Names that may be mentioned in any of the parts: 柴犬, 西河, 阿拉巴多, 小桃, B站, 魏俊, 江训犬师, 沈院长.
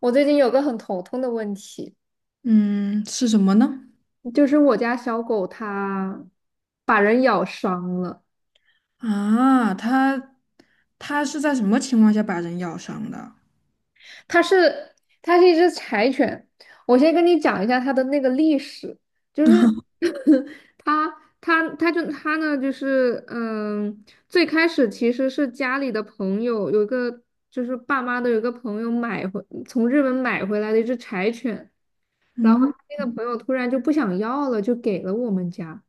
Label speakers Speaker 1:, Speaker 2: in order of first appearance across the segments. Speaker 1: 我最近有个很头痛的问题，
Speaker 2: 嗯，是什么呢？
Speaker 1: 就是我家小狗它把人咬伤了。
Speaker 2: 啊，它是在什么情况下把人咬伤的？
Speaker 1: 它是它是一只柴犬，我先跟你讲一下它的那个历史，就是 它它呢最开始其实是家里的朋友有一个，就是爸妈的有一个朋友买回，从日本买回来的一只柴犬，然后
Speaker 2: 嗯，
Speaker 1: 他那个朋友突然就不想要了，就给了我们家。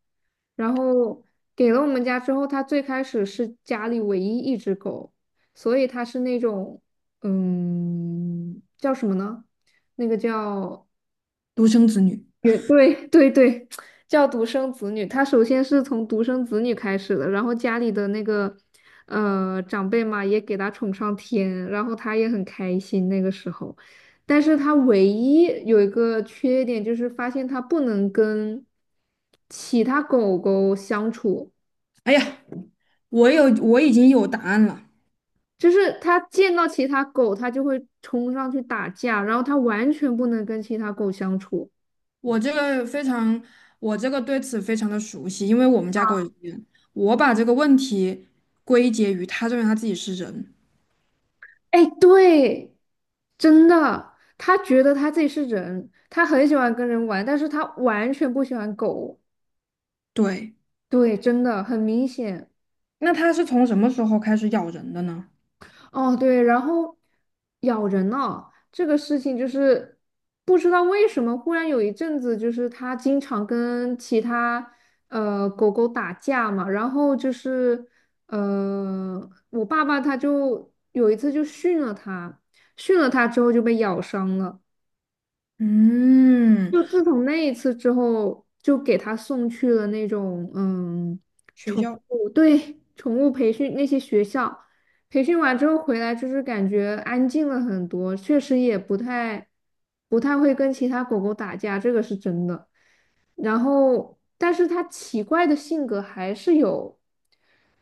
Speaker 1: 然后给了我们家之后，他最开始是家里唯一一只狗，所以他是那种，叫什么呢？那个叫，
Speaker 2: 独生子女。
Speaker 1: 也对，叫独生子女，他首先是从独生子女开始的，然后家里的那个长辈嘛，也给他宠上天，然后他也很开心那个时候，但是他唯一有一个缺点就是发现他不能跟其他狗狗相处，
Speaker 2: 哎呀，我已经有答案了。
Speaker 1: 就是他见到其他狗，他就会冲上去打架，然后他完全不能跟其他狗相处。
Speaker 2: 我这个非常，我这个对此非常的熟悉，因为我们家狗也是这样。我把这个问题归结于他认为他自己是人。
Speaker 1: 哎，对，真的，他觉得他自己是人，他很喜欢跟人玩，但是他完全不喜欢狗。
Speaker 2: 对，
Speaker 1: 对，真的很明显。
Speaker 2: 那他是从什么时候开始咬人的呢？
Speaker 1: 哦，对，然后咬人了，这个事情就是不知道为什么，忽然有一阵子就是他经常跟其他狗狗打架嘛，然后就是我爸爸他就有一次就训了他，训了他之后就被咬伤了。
Speaker 2: 嗯，
Speaker 1: 就自从那一次之后，就给他送去了那种，嗯，
Speaker 2: 学
Speaker 1: 宠
Speaker 2: 校。
Speaker 1: 物，对，宠物培训那些学校，培训完之后回来，就是感觉安静了很多，确实也不太会跟其他狗狗打架，这个是真的。然后，但是他奇怪的性格还是有，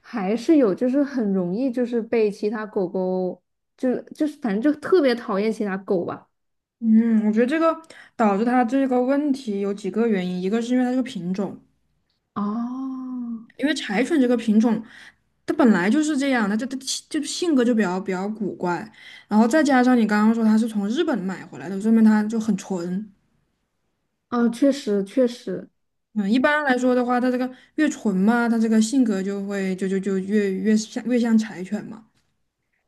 Speaker 1: 还是有，就是很容易就是被其他狗狗，就是反正就特别讨厌其他狗吧。
Speaker 2: 嗯，我觉得这个导致他这个问题有几个原因，一个是因为它这个品种。
Speaker 1: 哦，
Speaker 2: 因为柴犬这个品种，它本来就是这样的，它就性格就比较古怪，然后再加上你刚刚说它是从日本买回来的，说明它就很纯。
Speaker 1: 哦，确实。
Speaker 2: 嗯，一般来说的话，它这个越纯嘛，它这个性格就会就就就越像柴犬嘛。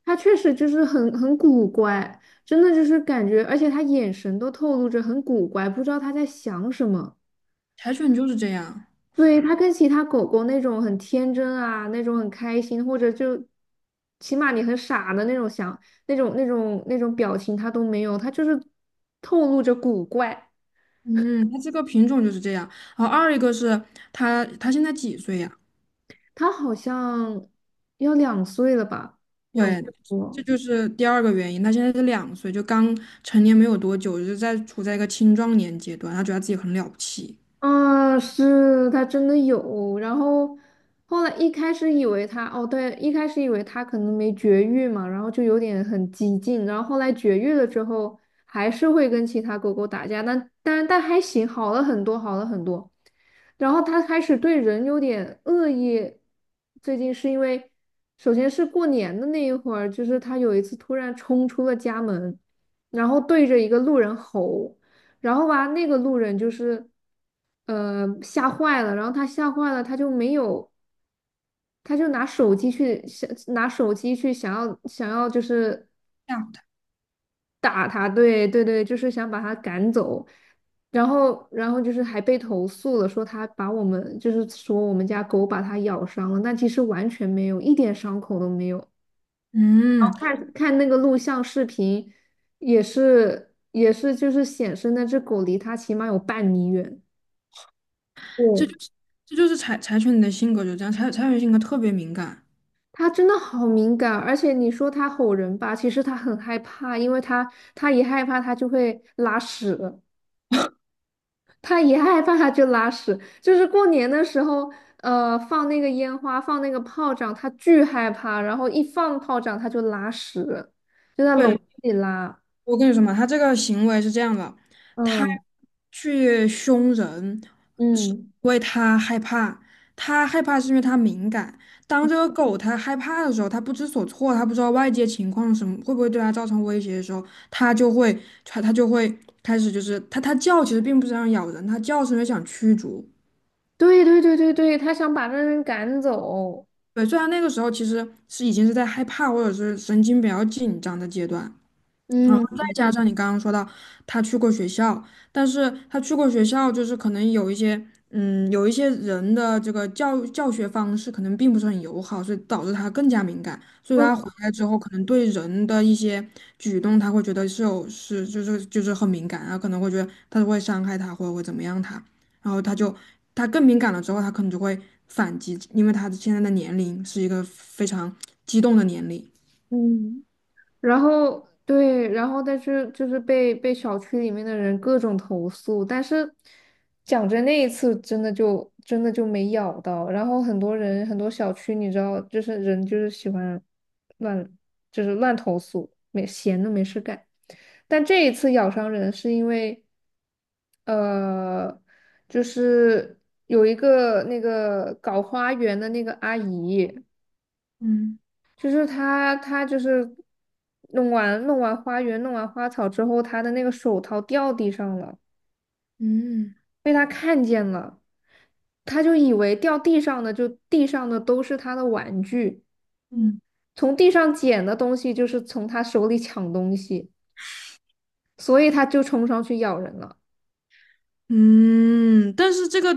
Speaker 1: 他确实就是很古怪，真的就是感觉，而且他眼神都透露着很古怪，不知道他在想什么。
Speaker 2: 柴犬就是这样，
Speaker 1: 对，它跟其他狗狗那种很天真啊，那种很开心，或者就起码你很傻的那种想，那种表情，它都没有，它就是透露着古怪。
Speaker 2: 嗯，它这个品种就是这样。然后二一个是它现在几岁呀？
Speaker 1: 它好像要两岁了吧，两岁
Speaker 2: 对，这
Speaker 1: 多。
Speaker 2: 就是第二个原因。他现在是两岁，就刚成年没有多久，就在处在一个青壮年阶段，他觉得自己很了不起。
Speaker 1: 啊，是它真的有，然后后来一开始以为它，哦，对，一开始以为它可能没绝育嘛，然后就有点很激进，然后后来绝育了之后，还是会跟其他狗狗打架，但还行，好了很多，好了很多。然后它开始对人有点恶意，最近是因为，首先是过年的那一会儿，就是它有一次突然冲出了家门，然后对着一个路人吼，然后吧，那个路人就是，吓坏了，然后他吓坏了，他就没有，他就拿手机去想，拿手机去想要就是
Speaker 2: 这样的。
Speaker 1: 打他，对，就是想把他赶走，然后就是还被投诉了，说他把我们，就是说我们家狗把他咬伤了，但其实完全没有，一点伤口都没有。
Speaker 2: 嗯，
Speaker 1: 看看那个录像视频，也是就是显示那只狗离他起码有半米远。
Speaker 2: 这
Speaker 1: 对，
Speaker 2: 就是这就是柴柴犬的性格就这样，柴柴犬性格特别敏感。
Speaker 1: 他真的好敏感，而且你说他吼人吧，其实他很害怕，因为他一害怕他就会拉屎，他一害怕他就拉屎。就是过年的时候，呃，放那个烟花，放那个炮仗，他巨害怕，然后一放炮仗他就拉屎，就在笼子
Speaker 2: 对，
Speaker 1: 里拉。
Speaker 2: 我跟你说嘛，它这个行为是这样的，它
Speaker 1: 嗯
Speaker 2: 去凶人是
Speaker 1: 嗯，
Speaker 2: 因为它害怕，它害怕是因为它敏感。当这个狗它害怕的时候，它不知所措，它不知道外界情况什么会不会对它造成威胁的时候，它就会它就会开始就是它叫，其实并不是想咬人，它叫是因为想驱逐。
Speaker 1: 对，他想把那人赶走。
Speaker 2: 对，虽然那个时候其实是已经是在害怕或者是神经比较紧张的阶段。然后
Speaker 1: 嗯。
Speaker 2: 再加上你刚刚说到他去过学校，但是他去过学校，就是可能有一些，嗯，有一些人的这个教学方式可能并不是很友好，所以导致他更加敏感，所以
Speaker 1: 嗯
Speaker 2: 他回来之后，可能对人的一些举动，他会觉得是有是就是就是很敏感，然后可能会觉得他会伤害他，或者会怎么样他，然后他就他更敏感了之后，他可能就会反击，因为他现在的年龄是一个非常激动的年龄。
Speaker 1: 嗯，然后对，然后但是就是被小区里面的人各种投诉，但是讲真，那一次真的就没咬到。然后很多人很多小区，你知道，就是人就是喜欢乱，乱投诉，没闲的没事干。但这一次咬伤人是因为，呃，就是有一个那个搞花园的那个阿姨。
Speaker 2: 嗯
Speaker 1: 就是他就是弄完花草之后，他的那个手套掉地上了，
Speaker 2: 嗯，
Speaker 1: 被他看见了，他就以为掉地上的，地上的都是他的玩具，
Speaker 2: 嗯。
Speaker 1: 从地上捡的东西就是从他手里抢东西，所以他就冲上去咬人了，
Speaker 2: 嗯，但是这个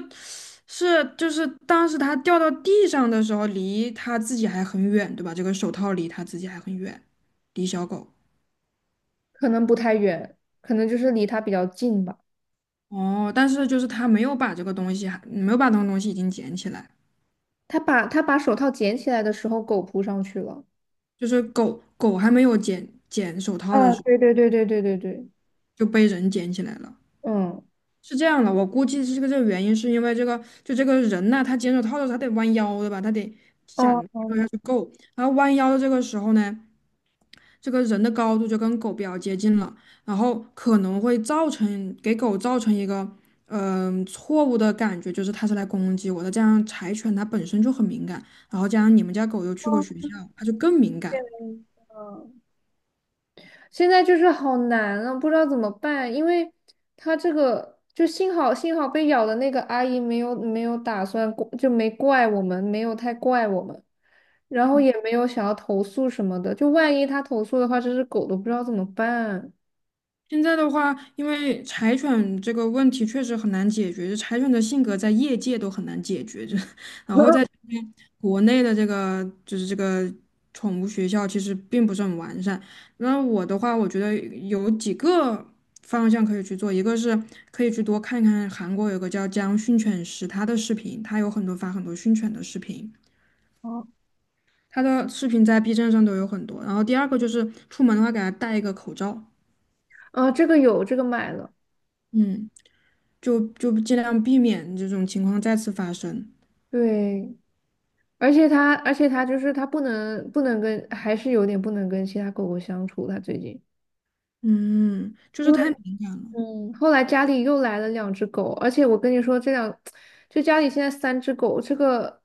Speaker 2: 是就是当时它掉到地上的时候，离它自己还很远，对吧？这个手套离它自己还很远，离小狗。
Speaker 1: 可能不太远，可能就是离他比较近吧。
Speaker 2: 哦，但是就是它没有把这个东西还没有把那个东西已经捡起来，
Speaker 1: 他把手套捡起来的时候，狗扑上去了。
Speaker 2: 就是狗狗还没有捡手套的
Speaker 1: 啊，
Speaker 2: 时候
Speaker 1: 对，
Speaker 2: 就被人捡起来了。
Speaker 1: 嗯，
Speaker 2: 是这样的，我估计是这个原因，是因为这个就这个人呐、他捡手套的时候他得弯腰，对吧？他得下，
Speaker 1: 哦哦，
Speaker 2: 然后弯腰的这个时候呢。这个人的高度就跟狗比较接近了，然后可能会造成给狗造成一个嗯、错误的感觉，就是它是来攻击我的。这样柴犬它本身就很敏感，然后加上你们家狗又去过学校，它就更敏感。
Speaker 1: 嗯。现在就是好难啊，不知道怎么办，因为他这个就，幸好被咬的那个阿姨没有打算过，就没怪我们，没有太怪我们，然后也没有想要投诉什么的，就万一他投诉的话，这只狗都不知道怎么办。
Speaker 2: 现在的话，因为柴犬这个问题确实很难解决，柴犬的性格在业界都很难解决，就 然后在 国内的这个宠物学校其实并不是很完善。那我的话，我觉得有几个方向可以去做，一个是可以去多看看韩国有个叫江训犬师他的视频，他有很多发很多训犬的视频，
Speaker 1: 哦，
Speaker 2: 他的视频在 B 站上都有很多。然后第二个就是出门的话，给他戴一个口罩，
Speaker 1: 啊，这个有，这个买了，
Speaker 2: 嗯，就尽量避免这种情况再次发生。
Speaker 1: 对，而且它就是它不能跟，还是有点不能跟其他狗狗相处，它最近。
Speaker 2: 嗯，就是
Speaker 1: 因为。
Speaker 2: 太，
Speaker 1: 嗯，后来家里又来了两只狗，而且我跟你说，这两，就家里现在三只狗，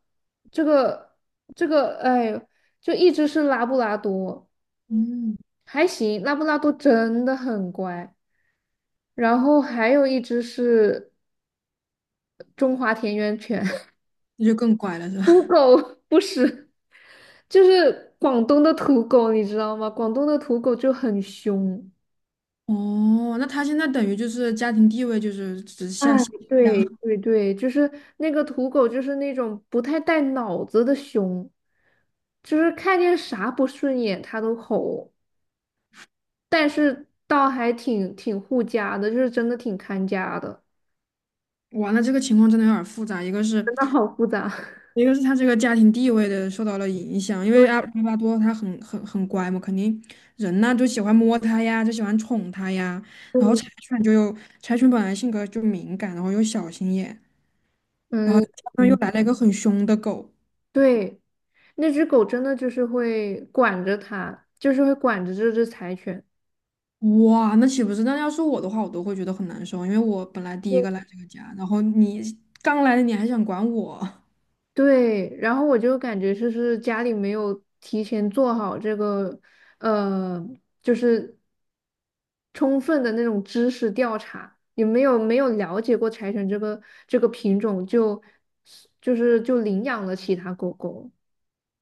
Speaker 1: 这个，哎呦，就一只是拉布拉多，
Speaker 2: 嗯，
Speaker 1: 还行，拉布拉多真的很乖，然后还有一只是中华田园犬，
Speaker 2: 那就更乖了，是 吧？
Speaker 1: 土狗不是，就是广东的土狗，你知道吗？广东的土狗就很凶。
Speaker 2: 哦，那他现在等于就是家庭地位就是只
Speaker 1: 哎，
Speaker 2: 下
Speaker 1: 对
Speaker 2: 降，
Speaker 1: 对对，就是那个土狗，就是那种不太带脑子的熊，就是看见啥不顺眼它都吼，但是倒还挺护家的，就是真的挺看家的，
Speaker 2: 哇，那这个情况真的有点儿复杂，
Speaker 1: 真的好复杂。
Speaker 2: 一个是他这个家庭地位的受到了影响，因
Speaker 1: 对
Speaker 2: 为阿拉巴多他很乖嘛，肯定人呐就喜欢摸它呀，就喜欢宠它呀，然后
Speaker 1: 对，
Speaker 2: 柴犬本来性格就敏感，然后又小心眼，然后
Speaker 1: 嗯
Speaker 2: 加上又
Speaker 1: 嗯，
Speaker 2: 来了一个很凶的狗，
Speaker 1: 对，那只狗真的就是会管着它，就是会管着这只柴犬。
Speaker 2: 哇，那岂不是？那要是我的话，我都会觉得很难受，因为我本来第一个来这个家，然后你刚来的你还想管我。
Speaker 1: 对，然后我就感觉就是家里没有提前做好这个，呃，就是充分的那种知识调查，也没有了解过柴犬这个，品种就，就是就领养了其他狗狗。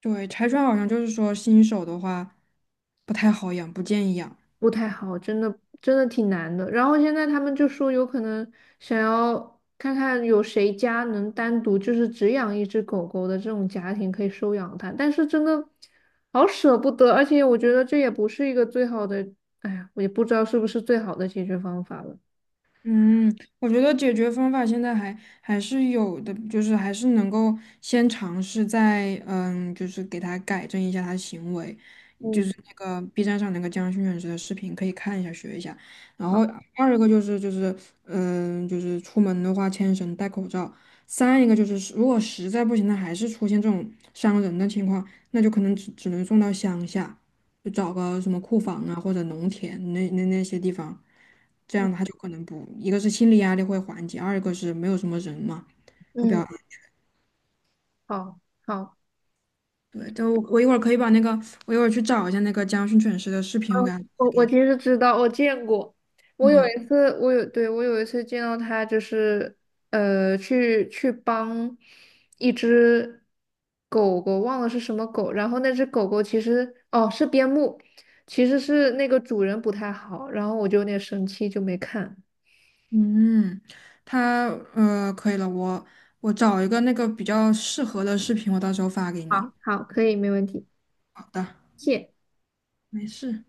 Speaker 2: 对，柴犬好像就是说新手的话不太好养，不建议养。
Speaker 1: 不太好，真的挺难的。然后现在他们就说有可能想要看看有谁家能单独就是只养一只狗狗的这种家庭可以收养它，但是真的好舍不得，而且我觉得这也不是一个最好的，哎呀，我也不知道是不是最好的解决方法了。
Speaker 2: 嗯，我觉得解决方法现在还是有的，就是还是能够先尝试在嗯，就是给它改正一下它的行为，就
Speaker 1: 嗯
Speaker 2: 是那个 B 站上那个江训犬师的视频可以看一下学一下。然后二一个就是嗯，就是出门的话牵绳戴口罩。三一个就是如果实在不行，它还是出现这种伤人的情况，那就可能只能送到乡下。就找个什么库房啊或者农田那些地方，这样他就可能不，一个是心理压力会缓解，二一个是没有什么人嘛，会比较
Speaker 1: 嗯，
Speaker 2: 安
Speaker 1: 好，好。
Speaker 2: 对，就我一会儿可以把那个，我一会儿去找一下那个江训犬师的视频，我给他发
Speaker 1: 我
Speaker 2: 给
Speaker 1: 我
Speaker 2: 你。
Speaker 1: 其实知道，我见过。我有一次，我有，对，我有一次见到他，就是去帮一只狗狗，忘了是什么狗。然后那只狗狗其实，哦，是边牧，其实是那个主人不太好，然后我就有点生气，就没看。
Speaker 2: 嗯，他呃可以了，我我找一个那个比较适合的视频，我到时候发给
Speaker 1: 好，
Speaker 2: 你。
Speaker 1: 好，可以，没问题，
Speaker 2: 好的，
Speaker 1: 谢。
Speaker 2: 没事。